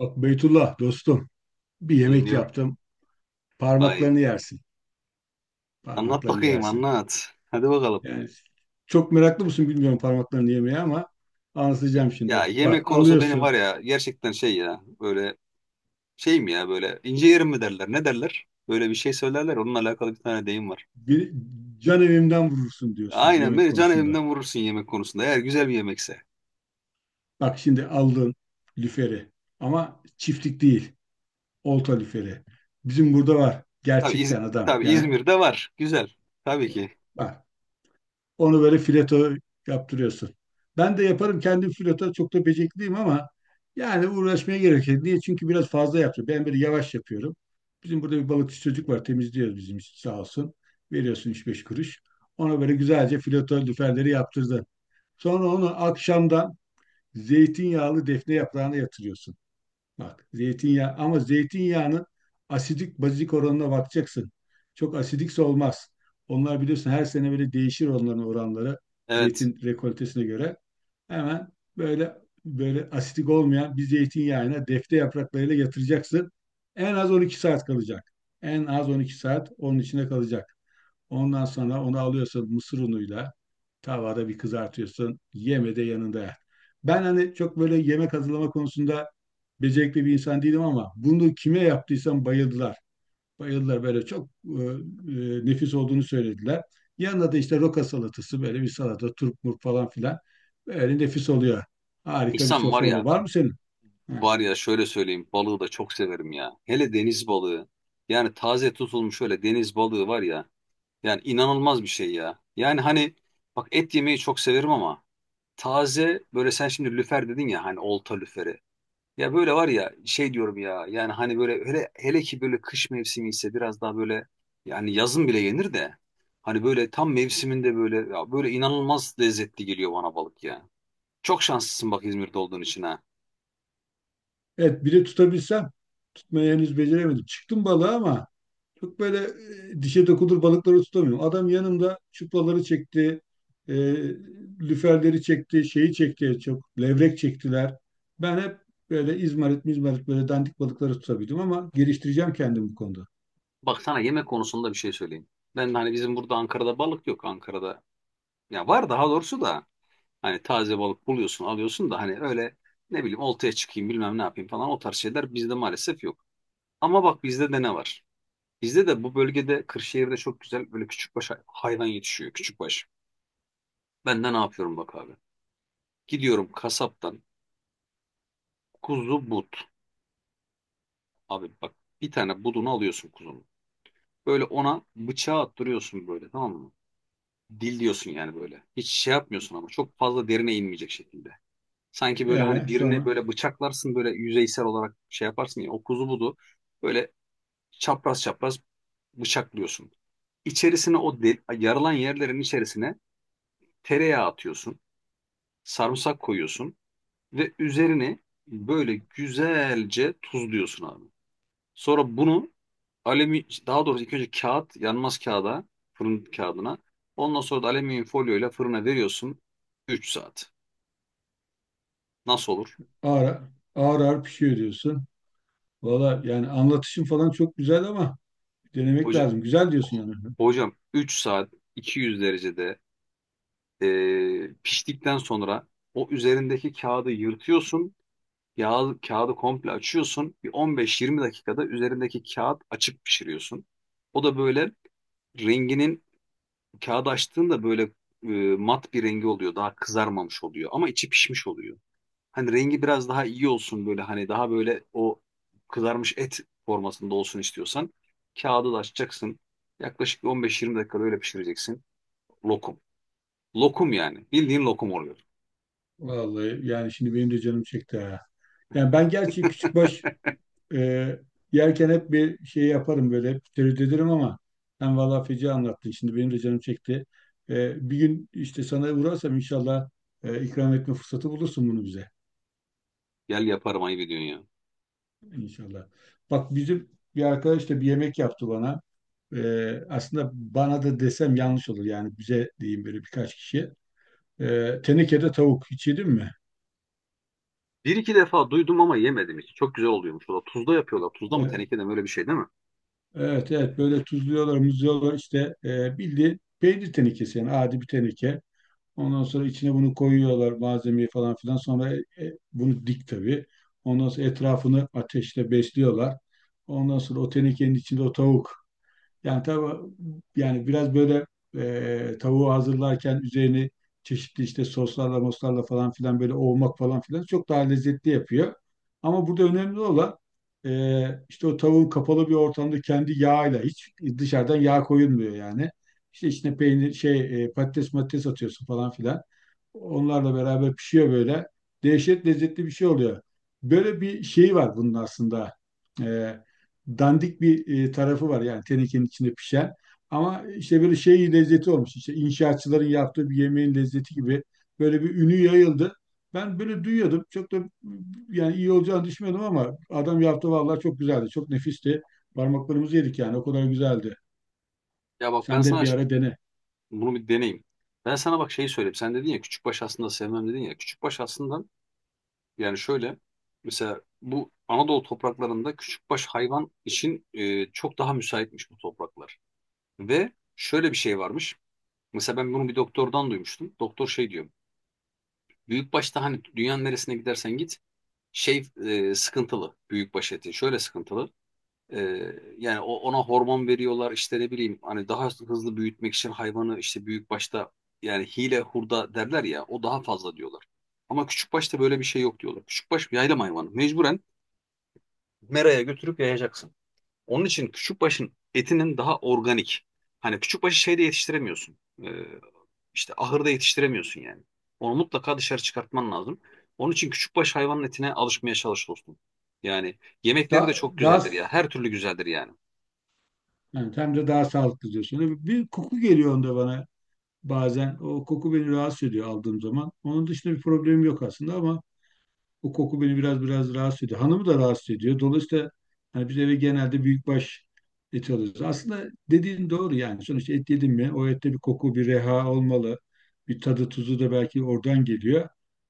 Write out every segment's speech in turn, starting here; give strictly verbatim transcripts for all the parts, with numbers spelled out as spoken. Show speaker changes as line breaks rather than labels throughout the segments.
Bak Beytullah dostum, bir yemek
Dinliyorum.
yaptım.
Vay.
Parmaklarını yersin.
Anlat
Parmaklarını
bakayım,
yersin.
anlat. Hadi bakalım.
Yani çok meraklı mısın bilmiyorum parmaklarını yemeye ama anlatacağım
Ya
şimdi.
yemek
Bak,
konusu benim
alıyorsun
var ya, gerçekten şey ya, böyle şey mi, ya böyle ince yerim mi derler, ne derler? Böyle bir şey söylerler onunla alakalı, bir tane deyim var.
bir can evimden vurursun diyorsun
Aynen,
yemek
beni can
konusunda.
evimden vurursun yemek konusunda, eğer güzel bir yemekse.
Bak şimdi aldın lüferi ama çiftlik değil, olta lüferi. Bizim burada var
Tabii, İz
gerçekten adam.
tabii
Yani
İzmir'de var güzel, tabii ki.
bak, onu böyle fileto yaptırıyorsun. Ben de yaparım kendim fileto, çok da becerikliyim ama yani uğraşmaya gerek yok. Niye? Çünkü biraz fazla yapıyorum. Ben böyle yavaş yapıyorum. Bizim burada bir balıkçı çocuk var, temizliyor bizim için sağ olsun. Veriyorsun üç beş kuruş. Ona böyle güzelce fileto lüferleri yaptırdı. Sonra onu akşamdan zeytinyağlı defne yaprağına yatırıyorsun. Bak zeytinyağı, ama zeytinyağının asidik bazik oranına bakacaksın. Çok asidikse olmaz. Onlar biliyorsun her sene böyle değişir, onların oranları
Evet,
zeytin rekoltesine göre. Hemen böyle, böyle asidik olmayan bir zeytinyağına defne yapraklarıyla yatıracaksın. En az on iki saat kalacak. En az on iki saat onun içine kalacak. Ondan sonra onu alıyorsun mısır unuyla tavada bir kızartıyorsun. Yeme de yanında yer. Ben hani çok böyle yemek hazırlama konusunda becerikli bir insan değilim ama bunu kime yaptıysam bayıldılar. Bayıldılar, böyle çok e, e, nefis olduğunu söylediler. Yanında da işte roka salatası, böyle bir salata, turp murp falan filan. Böyle nefis oluyor. Harika bir
İhsan var
sofra oluyor.
ya,
Var mı senin? Ha.
var ya, şöyle söyleyeyim, balığı da çok severim ya. Hele deniz balığı, yani taze tutulmuş öyle deniz balığı var ya. Yani inanılmaz bir şey ya. Yani hani, bak, et yemeyi çok severim ama taze böyle, sen şimdi lüfer dedin ya, hani olta lüferi. Ya böyle var ya, şey diyorum ya, yani hani böyle, hele, hele ki böyle kış mevsimi ise biraz daha böyle, yani yazın bile yenir de hani böyle tam mevsiminde, böyle ya, böyle inanılmaz lezzetli geliyor bana balık ya. Çok şanslısın bak, İzmir'de olduğun için ha.
Evet, biri tutabilsem tutmayı henüz beceremedim. Çıktım balığa ama çok böyle e, dişe dokunur balıkları tutamıyorum. Adam yanımda çuplaları çekti, e, lüferleri çekti, şeyi çekti, çok levrek çektiler. Ben hep böyle izmarit mizmarit, böyle dandik balıkları tutabildim ama geliştireceğim kendimi bu konuda.
Bak, sana yemek konusunda bir şey söyleyeyim. Ben de hani, bizim burada, Ankara'da balık yok, Ankara'da. Ya var, daha doğrusu da. Hani taze balık buluyorsun, alıyorsun da hani öyle, ne bileyim, oltaya çıkayım, bilmem ne yapayım falan, o tarz şeyler bizde maalesef yok. Ama bak, bizde de ne var? Bizde de bu bölgede, Kırşehir'de çok güzel böyle küçükbaş hay- hayvan yetişiyor. Küçükbaş. Ben de ne yapıyorum bak abi. Gidiyorum kasaptan, kuzu but. Abi bak, bir tane budunu alıyorsun kuzunun. Böyle ona bıçağı attırıyorsun böyle, tamam mı? Dil diyorsun yani böyle. Hiç şey yapmıyorsun ama çok fazla derine inmeyecek şekilde. Sanki böyle hani
Ee,
birini
sonra
böyle bıçaklarsın böyle, yüzeysel olarak şey yaparsın ya, o kuzu budu. Böyle çapraz çapraz bıçaklıyorsun. İçerisine, o del, yarılan yerlerin içerisine tereyağı atıyorsun. Sarımsak koyuyorsun ve üzerini böyle güzelce tuzluyorsun abi. Sonra bunu alüminyum, daha doğrusu ilk önce kağıt, yanmaz kağıda, fırın kağıdına. Ondan sonra da alüminyum folyoyla fırına veriyorsun, üç saat. Nasıl olur?
ağır, ağır ağır pişiyor diyorsun. Valla yani anlatışın falan çok güzel ama
O,
denemek lazım. Güzel
Oh.
diyorsun yani.
Hocam, üç saat iki yüz derecede e, piştikten sonra o üzerindeki kağıdı yırtıyorsun. Yağ, kağıdı komple açıyorsun. Bir on beş yirmi dakikada üzerindeki kağıt açık pişiriyorsun. O da böyle renginin, kağıdı açtığında böyle e, mat bir rengi oluyor. Daha kızarmamış oluyor ama içi pişmiş oluyor. Hani rengi biraz daha iyi olsun, böyle hani daha böyle o kızarmış et formasında olsun istiyorsan, kağıdı da açacaksın. Yaklaşık bir on beş yirmi dakikada öyle pişireceksin. Lokum. Lokum yani. Bildiğin lokum oluyor.
Vallahi yani şimdi benim de canım çekti ha. Yani ben gerçi küçükbaş Ee, yerken hep bir şey yaparım, böyle hep tereddüt ederim ama sen valla feci anlattın, şimdi benim de canım çekti. Ee, bir gün işte sana uğrarsam inşallah e, ikram etme fırsatı bulursun bunu bize
Gel, yaparım, ayıp ediyorsun ya.
inşallah. Bak bizim bir arkadaş da bir yemek yaptı bana. Ee, aslında bana da desem yanlış olur, yani bize diyeyim, böyle birkaç kişi. Ee, tenekede tavuk hiç yedin mi?
Bir iki defa duydum ama yemedim hiç. Çok güzel oluyormuş. O da tuzda yapıyorlar. Tuzda mı,
Evet,
tenekede mi, öyle bir şey değil mi?
evet evet. Böyle tuzluyorlar, muzluyorlar işte, e, bildiğin peynir tenekesi, yani adi bir teneke. Ondan sonra içine bunu koyuyorlar malzemeyi falan filan. Sonra e, e, bunu dik tabii. Ondan sonra etrafını ateşle besliyorlar. Ondan sonra o tenekenin içinde o tavuk, yani tabii, yani biraz böyle e, tavuğu hazırlarken üzerini çeşitli işte soslarla moslarla falan filan böyle ovmak falan filan çok daha lezzetli yapıyor. Ama burada önemli olan e, işte o tavuğun kapalı bir ortamda kendi yağıyla, hiç dışarıdan yağ koyulmuyor yani. İşte içine peynir şey, e, patates matates atıyorsun falan filan. Onlarla beraber pişiyor böyle. Dehşet lezzetli bir şey oluyor. Böyle bir şey var bunun aslında. E, Dandik bir e, tarafı var, yani tenekenin içinde pişen. Ama işte böyle şey lezzeti olmuş. İşte inşaatçıların yaptığı bir yemeğin lezzeti gibi böyle bir ünü yayıldı. Ben böyle duyuyordum. Çok da yani iyi olacağını düşünmüyordum ama adam yaptı, vallahi çok güzeldi. Çok nefisti. Parmaklarımızı yedik yani. O kadar güzeldi.
Ya bak, ben
Sen de
sana
bir
ş-
ara dene.
bunu bir deneyim. Ben sana bak, şeyi söyleyeyim. Sen dedin ya küçükbaş aslında sevmem dedin ya. Küçükbaş aslında, yani şöyle, mesela bu Anadolu topraklarında küçükbaş hayvan için e, çok daha müsaitmiş bu topraklar. Ve şöyle bir şey varmış. Mesela ben bunu bir doktordan duymuştum. Doktor şey diyor. Büyükbaşta hani dünyanın neresine gidersen git şey, e, sıkıntılı, büyükbaş etin şöyle sıkıntılı. E, yani, o, ona hormon veriyorlar işte, ne bileyim, hani daha hızlı büyütmek için hayvanı, işte büyükbaşta yani hile hurda derler ya, o daha fazla diyorlar. Ama küçükbaşta böyle bir şey yok diyorlar. Küçükbaş bir yaylım hayvanı. Mecburen meraya götürüp yayacaksın. Onun için küçükbaşın etinin daha organik. Hani küçükbaşı şeyde yetiştiremiyorsun. E, işte ahırda yetiştiremiyorsun yani. Onu mutlaka dışarı çıkartman lazım. Onun için küçükbaş hayvanın etine alışmaya çalış dostum. Yani yemekleri de
Da,
çok
daha
güzeldir ya. Her türlü güzeldir yani.
yani hem de daha sağlıklı diyorsun. Bir koku geliyor onda bana bazen. O koku beni rahatsız ediyor aldığım zaman. Onun dışında bir problemim yok aslında ama o koku beni biraz biraz rahatsız ediyor. Hanımı da rahatsız ediyor. Dolayısıyla hani biz eve genelde büyükbaş eti alıyoruz. Aslında dediğin doğru yani. Sonuçta et yedim mi o ette bir koku, bir reha olmalı. Bir tadı tuzu da belki oradan geliyor.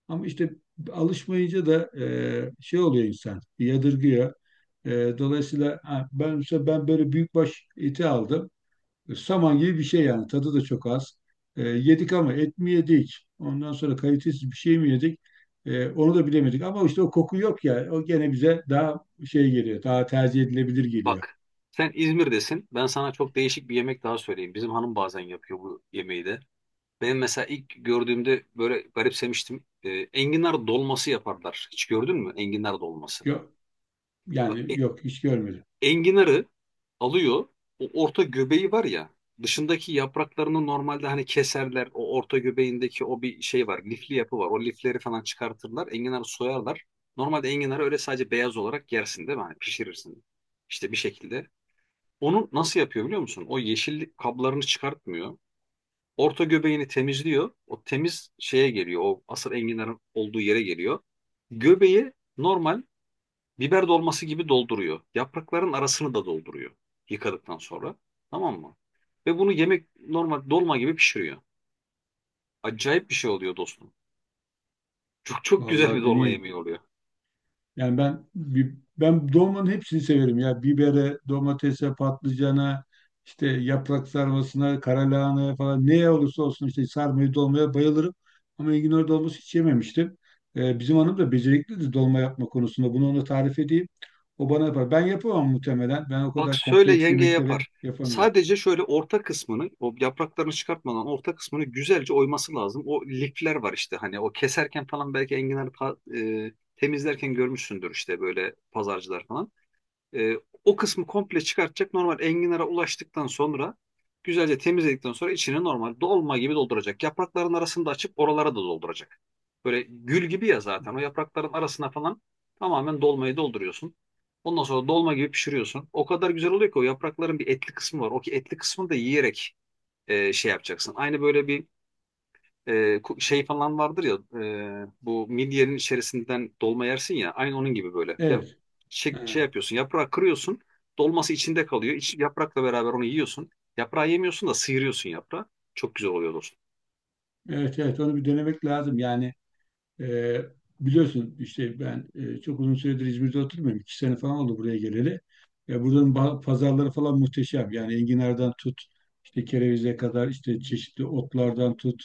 Ama işte alışmayınca da e, şey oluyor insan, yadırgıyor. E, dolayısıyla ha, ben, mesela ben böyle büyükbaş eti aldım. Saman gibi bir şey yani. Tadı da çok az. E, yedik ama et mi yedik? Ondan sonra kalitesiz bir şey mi yedik? E, onu da bilemedik. Ama işte o koku yok ya. O gene bize daha şey geliyor. Daha tercih edilebilir geliyor.
Bak, sen İzmir'desin. Ben sana çok değişik bir yemek daha söyleyeyim. Bizim hanım bazen yapıyor bu yemeği de. Ben mesela ilk gördüğümde böyle garipsemiştim. Ee, enginar dolması yaparlar. Hiç gördün mü enginar dolması?
Yok,
Bak,
yani
e-
yok hiç görmedim.
enginarı alıyor. O orta göbeği var ya. Dışındaki yapraklarını normalde hani keserler. O orta göbeğindeki o bir şey var. Lifli yapı var. O lifleri falan çıkartırlar. Enginarı soyarlar. Normalde enginarı öyle sadece beyaz olarak yersin değil mi? Hani pişirirsin. İşte bir şekilde. Onu nasıl yapıyor biliyor musun? O yeşil kablarını çıkartmıyor. Orta göbeğini temizliyor. O temiz şeye geliyor. O asıl enginarın olduğu yere geliyor. Göbeği normal biber dolması gibi dolduruyor. Yaprakların arasını da dolduruyor, yıkadıktan sonra. Tamam mı? Ve bunu yemek, normal dolma gibi pişiriyor. Acayip bir şey oluyor dostum. Çok çok güzel bir
Vallahi
dolma
deneyeyim.
yemeği oluyor.
Yani ben bi- ben dolmanın hepsini severim ya. Bibere, domatese, patlıcana, işte yaprak sarmasına, kara lahanaya falan, neye olursa olsun, işte sarmayı dolmaya bayılırım. Ama enginar dolması hiç yememiştim. Ee, bizim hanım da beceriklidir dolma yapma konusunda. Bunu ona tarif edeyim. O bana yapar. Ben yapamam muhtemelen. Ben o
Bak,
kadar
söyle,
kompleks
yenge
yemekleri
yapar.
yapamıyorum.
Sadece şöyle orta kısmını, o yapraklarını çıkartmadan orta kısmını güzelce oyması lazım. O lifler var işte, hani o keserken falan, belki enginar pa- e, temizlerken görmüşsündür işte, böyle pazarcılar falan. E, o kısmı komple çıkartacak. Normal enginara ulaştıktan sonra, güzelce temizledikten sonra içini normal dolma gibi dolduracak. Yaprakların arasını da açıp oralara da dolduracak. Böyle gül gibi ya zaten. O yaprakların arasına falan tamamen dolmayı dolduruyorsun. Ondan sonra dolma gibi pişiriyorsun. O kadar güzel oluyor ki, o yaprakların bir etli kısmı var. O ki etli kısmını da yiyerek e, şey yapacaksın. Aynı böyle bir e, ku- şey falan vardır ya, e, bu midyenin içerisinden dolma yersin ya, aynı onun gibi böyle. Ya
Evet.
şey, şey
Ha.
yapıyorsun, yaprağı kırıyorsun, dolması içinde kalıyor. İç, yaprakla beraber onu yiyorsun. Yaprağı yemiyorsun da sıyırıyorsun yaprağı. Çok güzel oluyor dostum.
Evet evet, onu bir denemek lazım. Yani E, biliyorsun işte ben e, çok uzun süredir İzmir'de oturmuyorum. iki sene falan oldu buraya geleli. E, buranın ba- pazarları falan muhteşem. Yani enginardan tut, işte kerevize kadar, işte çeşitli otlardan tut,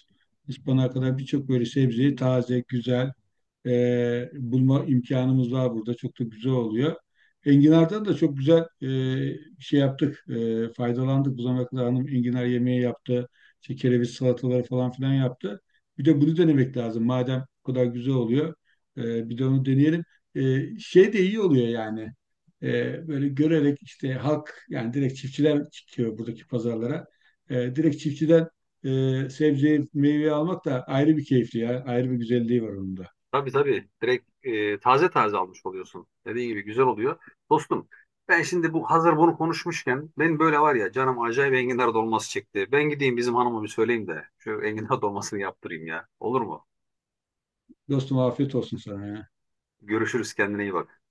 ıspanağa kadar birçok böyle sebzeyi taze, güzel, e, bulma imkanımız var burada. Çok da güzel oluyor. Enginar'dan da çok güzel e, şey yaptık. E, faydalandık. Bu zamana kadar hanım enginar yemeği yaptı. İşte kereviz salataları falan filan yaptı. Bir de bunu denemek lazım. Madem bu kadar güzel oluyor, e, bir de onu deneyelim. E, şey de iyi oluyor yani. E, böyle görerek işte halk, yani direkt çiftçiler çıkıyor buradaki pazarlara. E, direkt çiftçiden e, sebzeyi, meyveyi almak da ayrı bir keyifli ya. Ayrı bir güzelliği var onun da.
Tabii tabii, direkt e, taze taze almış oluyorsun. Dediğin gibi güzel oluyor. Dostum, ben şimdi bu hazır bunu konuşmuşken, benim böyle var ya canım, acayip enginar dolması çekti. Ben gideyim bizim hanıma bir söyleyeyim de şu enginar dolmasını yaptırayım ya. Olur mu?
Dostum, afiyet olsun sana ya.
Görüşürüz, kendine iyi bak.